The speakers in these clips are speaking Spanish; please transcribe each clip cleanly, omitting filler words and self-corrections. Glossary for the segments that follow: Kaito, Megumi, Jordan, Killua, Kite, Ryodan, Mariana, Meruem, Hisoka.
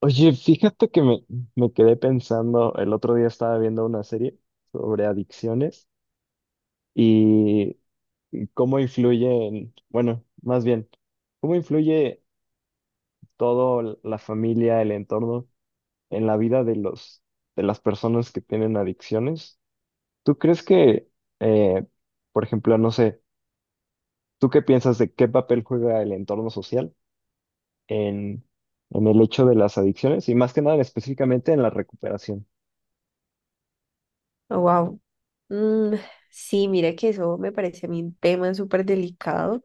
Oye, fíjate que me quedé pensando. El otro día estaba viendo una serie sobre adicciones y cómo influyen, bueno, más bien, cómo influye todo la familia, el entorno en la vida de de las personas que tienen adicciones. ¿Tú crees que, eh, por ejemplo, no sé, tú qué piensas de qué papel juega el entorno social en, en el hecho de las adicciones y más que nada específicamente en la recuperación? Wow. Sí, mire que eso me parece a mí un tema súper delicado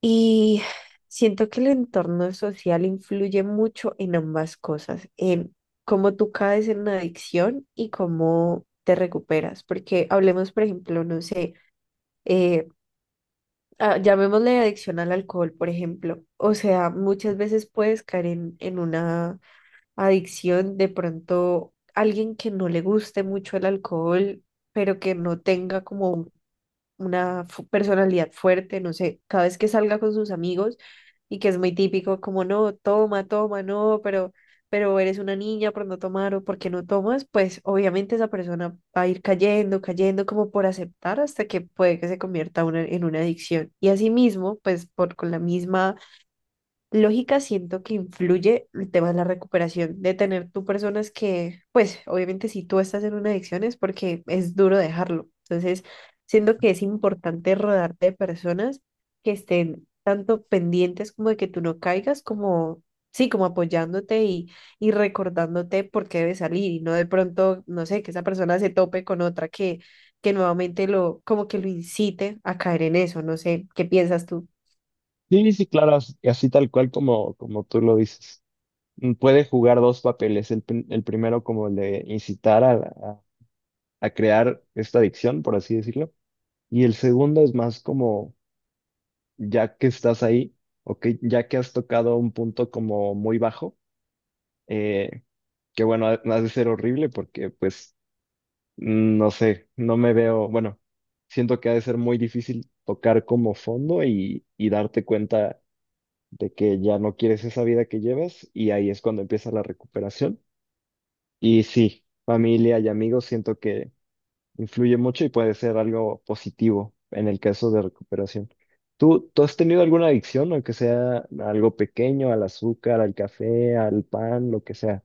y siento que el entorno social influye mucho en ambas cosas, en cómo tú caes en una adicción y cómo te recuperas. Porque hablemos, por ejemplo, no sé, eh, llamémosle adicción al alcohol, por ejemplo. O sea, muchas veces puedes caer en una adicción, de pronto alguien que no le guste mucho el alcohol, pero que no tenga como una personalidad fuerte, no sé, cada vez que salga con sus amigos y que es muy típico, como no, toma, toma, no, pero eres una niña por no tomar o porque no tomas, pues obviamente esa persona va a ir cayendo, cayendo como por aceptar hasta que puede que se convierta en una adicción. Y asimismo, pues por con la misma lógica, siento que influye el tema de la recuperación, de tener tú personas que, pues obviamente si tú estás en una adicción es porque es duro dejarlo. Entonces, siento que es importante rodearte de personas que estén tanto pendientes como de que tú no caigas, como, sí, como apoyándote y recordándote por qué debes salir y no de pronto, no sé, que esa persona se tope con otra que nuevamente lo, como que lo incite a caer en eso, no sé, ¿qué piensas tú? Sí, sí, claro, así tal cual como tú lo dices. Mm, puede jugar dos papeles, el primero como el de incitar a crear esta adicción, por así decirlo, y el segundo es más como, ya que estás ahí, o ya que has tocado un punto como muy bajo, eh, que bueno, ha de ser horrible porque pues, mm, no sé, no me veo, bueno, siento que ha de ser muy difícil tocar como fondo y darte cuenta de que ya no quieres esa vida que llevas y ahí es cuando empieza la recuperación. Y sí, familia y amigos siento que influye mucho y puede ser algo positivo en el caso de recuperación. ¿Tú has tenido alguna adicción, aunque sea algo pequeño, al azúcar, al café, al pan, lo que sea?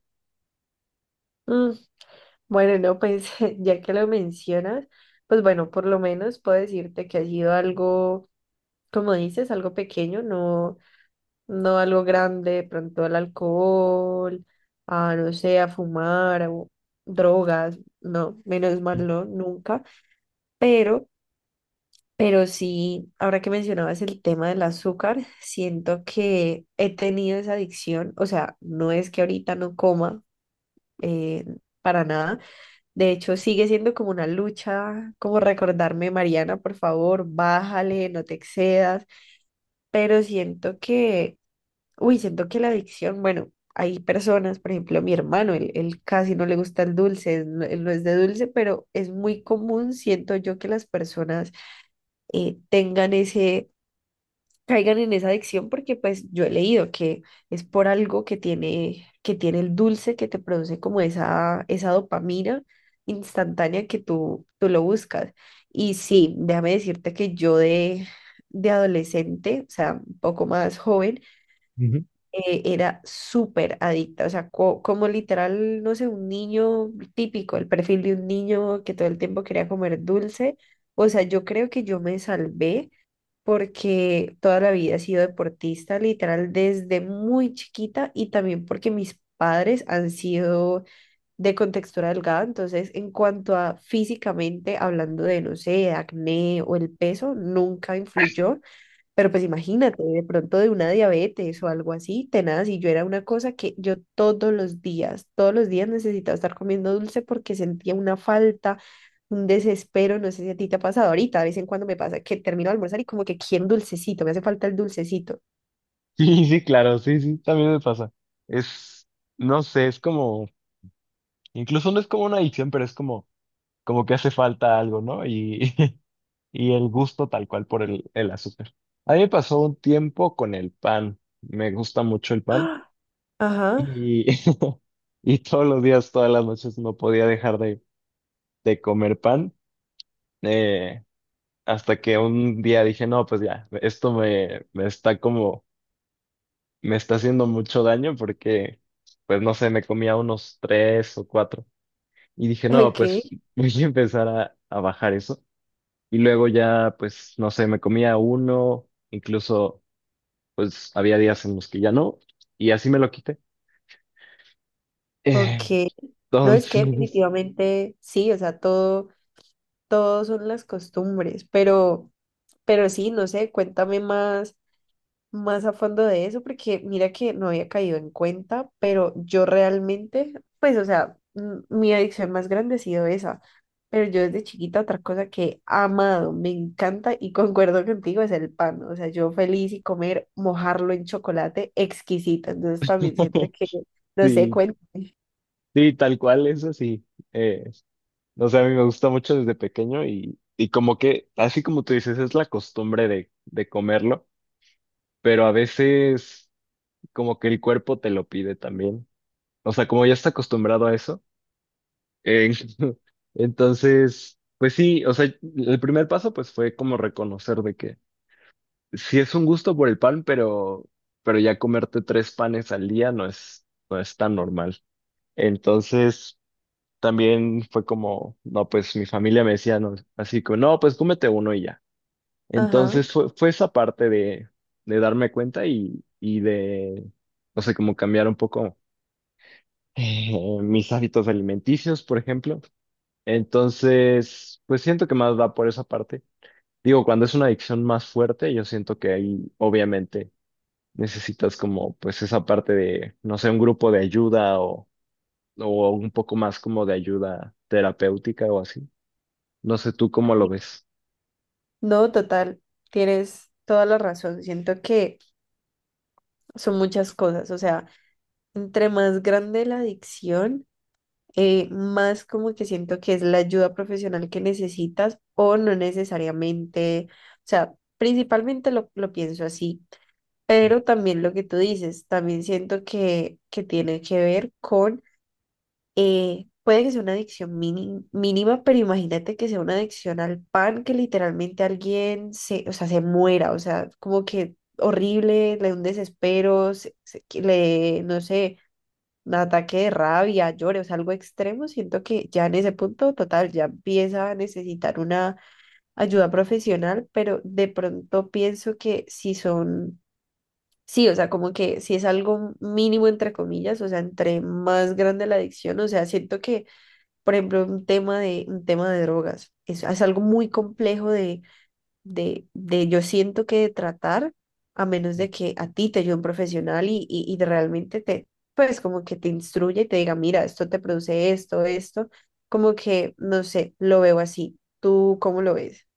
Bueno, no, pues ya que lo mencionas, pues bueno, por lo menos puedo decirte que ha sido algo, como dices, algo pequeño, no, no algo grande, de pronto al alcohol, a no sé, a fumar, o drogas, no, menos mal no, nunca, pero, pero sí, ahora que mencionabas el tema del azúcar, siento que he tenido esa adicción, o sea, no es que ahorita no coma, eh, para nada. De hecho, sigue siendo como una lucha, como recordarme, Mariana, por favor, bájale, no te excedas, pero siento que, uy, siento que la adicción, bueno, hay personas, por ejemplo, mi hermano, él casi no le gusta el dulce, él no es de dulce, pero es muy común, siento yo, que las personas tengan ese, caigan en esa adicción porque pues yo he leído que es por algo que tiene el dulce que te produce como esa dopamina instantánea que tú lo buscas. Y sí, déjame decirte que yo de adolescente, o sea, un poco más joven, Ujú. Era súper adicta, o sea, como literal, no sé, un niño típico, el perfil de un niño que todo el tiempo quería comer dulce. O sea, yo creo que yo me salvé porque toda la vida he sido deportista, literal, desde muy chiquita y también porque mis padres han sido de contextura delgada, entonces en cuanto a físicamente, hablando de, no sé, acné o el peso, nunca influyó, pero pues imagínate, de pronto de una diabetes o algo así, tenaz, y yo era una cosa que yo todos los días necesitaba estar comiendo dulce porque sentía una falta, un desespero, no sé si a ti te ha pasado ahorita, de vez en cuando me pasa que termino de almorzar y como que quiero un dulcecito, me hace falta el dulcecito. Sí, sí, claro, sí, sí, también me pasa. Es, no sé, es como, incluso no es como una adicción, pero es como, como que hace falta algo, ¿no? Y y el gusto tal cual por el azúcar. A mí me pasó un tiempo con el pan. Me gusta mucho el pan ¡Ah! Ajá, y, y todos los días, todas las noches no podía dejar de comer pan, eh, hasta que un día dije, no, pues ya, esto me está como, me está haciendo mucho daño porque, pues no sé, me comía unos tres o cuatro y dije, no, ok, pues voy a empezar a bajar eso. Y luego ya, pues, no sé, me comía uno, incluso pues había días en los que ya no, y así me lo quité. ok. Eh, No, es que Entonces, definitivamente sí, o sea, todo, todo son las costumbres, pero sí, no sé, cuéntame más, más a fondo de eso, porque mira que no había caído en cuenta, pero yo realmente, pues, o sea, mi adicción más grande ha sido esa. Pero yo desde chiquita otra cosa que he amado, me encanta y concuerdo contigo es el pan. O sea, yo feliz y comer, mojarlo en chocolate, exquisito. Entonces también siento que, no sé, sí, cuéntame. sí, tal cual, eso sí. Eh, no sé, a mí me gusta mucho desde pequeño y como que, así como tú dices, es la costumbre de comerlo, pero a veces como que el cuerpo te lo pide también. O sea, como ya está acostumbrado a eso. eh, entonces, pues sí, o sea, el primer paso pues fue como reconocer de que sí es un gusto por el pan, pero ya comerte tres panes al día no es, no es tan normal. Entonces, también fue como, no, pues mi familia me decía, no, así como, no, pues cómete uno y ya. Ajá. Entonces fue esa parte de darme cuenta y de, no sé, como cambiar un poco mis hábitos alimenticios, por ejemplo. Entonces, pues siento que más va por esa parte. Digo, cuando es una adicción más fuerte, yo siento que ahí, obviamente necesitas como pues esa parte de, no sé, un grupo de ayuda o un poco más como de ayuda terapéutica o así. No sé tú cómo lo ves. No, total, tienes toda la razón. Siento que son muchas cosas. O sea, entre más grande la adicción, más como que siento que es la ayuda profesional que necesitas o no necesariamente, o sea, principalmente lo pienso así, pero también lo que tú dices, también siento que tiene que ver con, puede que sea una adicción mínima, pero imagínate que sea una adicción al pan, que literalmente alguien se, o sea, se muera, o sea, como que horrible, le da un desespero, que le, no sé, un ataque de rabia, llore, o sea, algo extremo, siento que ya en ese punto total ya empieza a necesitar una ayuda profesional, pero de pronto pienso que si son, sí, o sea, como que si es algo mínimo entre comillas, o sea, entre más grande la adicción, o sea, siento que, por ejemplo, un tema de drogas, es algo muy complejo de de yo siento que de tratar, a menos de que a ti te ayude un profesional y de realmente te, pues como que te instruya y te diga, mira, esto te produce esto, esto, como que, no sé, lo veo así. ¿Tú cómo lo ves?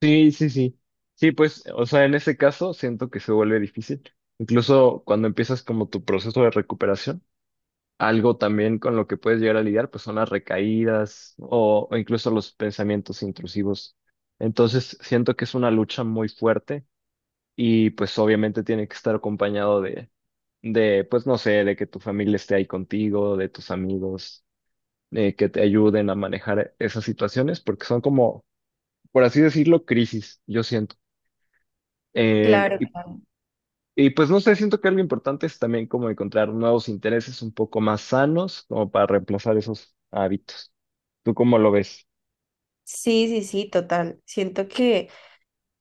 Sí, sí, sí. Sí, pues, o sea, en ese caso siento que se vuelve difícil. Incluso cuando empiezas como tu proceso de recuperación, algo también con lo que puedes llegar a lidiar, pues son las recaídas o incluso los pensamientos intrusivos. Entonces, siento que es una lucha muy fuerte y pues obviamente tiene que estar acompañado de, pues no sé, de que tu familia esté ahí contigo, de tus amigos, que te ayuden a manejar esas situaciones, porque son como, por así decirlo, crisis, yo siento. Eh, Claro, y, claro. y, pues no sé, siento que algo importante es también como encontrar nuevos intereses un poco más sanos, como para reemplazar esos hábitos. ¿Tú cómo lo ves? Sí, sí, sí, total. Siento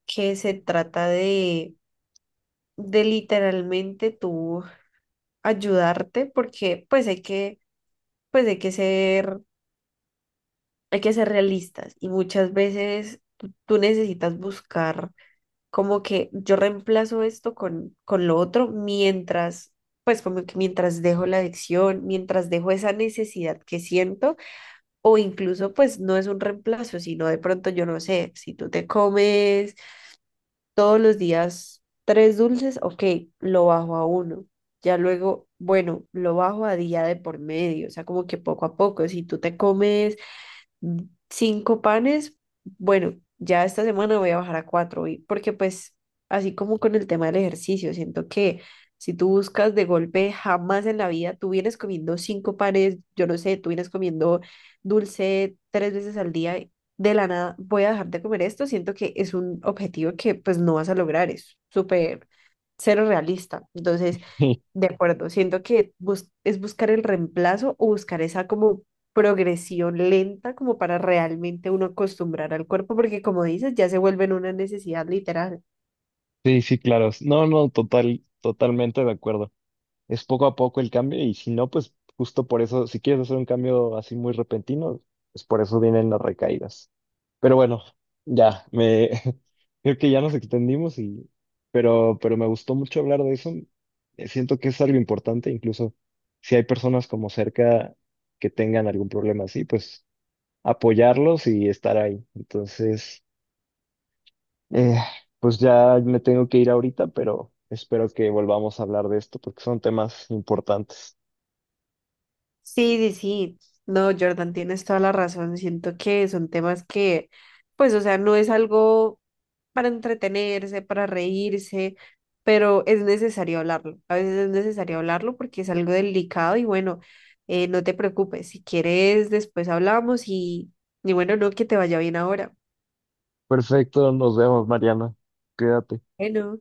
que se trata de literalmente tú ayudarte porque pues hay que ser realistas y muchas veces tú necesitas buscar como que yo reemplazo esto con lo otro mientras, pues como que mientras dejo la adicción, mientras dejo esa necesidad que siento, o incluso pues no es un reemplazo, sino de pronto yo no sé, si tú te comes todos los días 3 dulces, ok, lo bajo a uno. Ya luego, bueno, lo bajo a día de por medio, o sea, como que poco a poco, si tú te comes mm, 5 panes. Bueno, ya esta semana voy a bajar a 4, porque pues así como con el tema del ejercicio, siento que si tú buscas de golpe, jamás en la vida tú vienes comiendo 5 panes, yo no sé, tú vienes comiendo dulce 3 veces al día, y de la nada voy a dejar de comer esto, siento que es un objetivo que pues no vas a lograr, es súper cero realista. Entonces... Sí, De acuerdo, siento que es buscar el reemplazo o buscar esa como progresión lenta como para realmente uno acostumbrar al cuerpo, porque como dices, ya se vuelve en una necesidad literal. sí, sí, claro. No, no, total, totalmente de acuerdo. Es poco a poco el cambio y si no, pues justo por eso, si quieres hacer un cambio así muy repentino, pues por eso vienen las recaídas. Pero bueno, ya, me creo que ya nos extendimos pero me gustó mucho hablar de eso. Siento que es algo importante, incluso si hay personas como cerca que tengan algún problema así, pues apoyarlos y estar ahí. Entonces, eh, pues ya me tengo que ir ahorita, pero espero que volvamos a hablar de esto porque son temas importantes. Sí, sí, sí. No, Jordan, tienes toda la razón. Siento que son temas que, pues, o sea, no es algo para entretenerse, para reírse, pero es necesario hablarlo. A veces es necesario hablarlo porque es algo delicado y bueno, no te preocupes. Si quieres, después hablamos y bueno, no, que te vaya bien ahora. Perfecto, nos vemos, Mariana. Quédate. Bueno.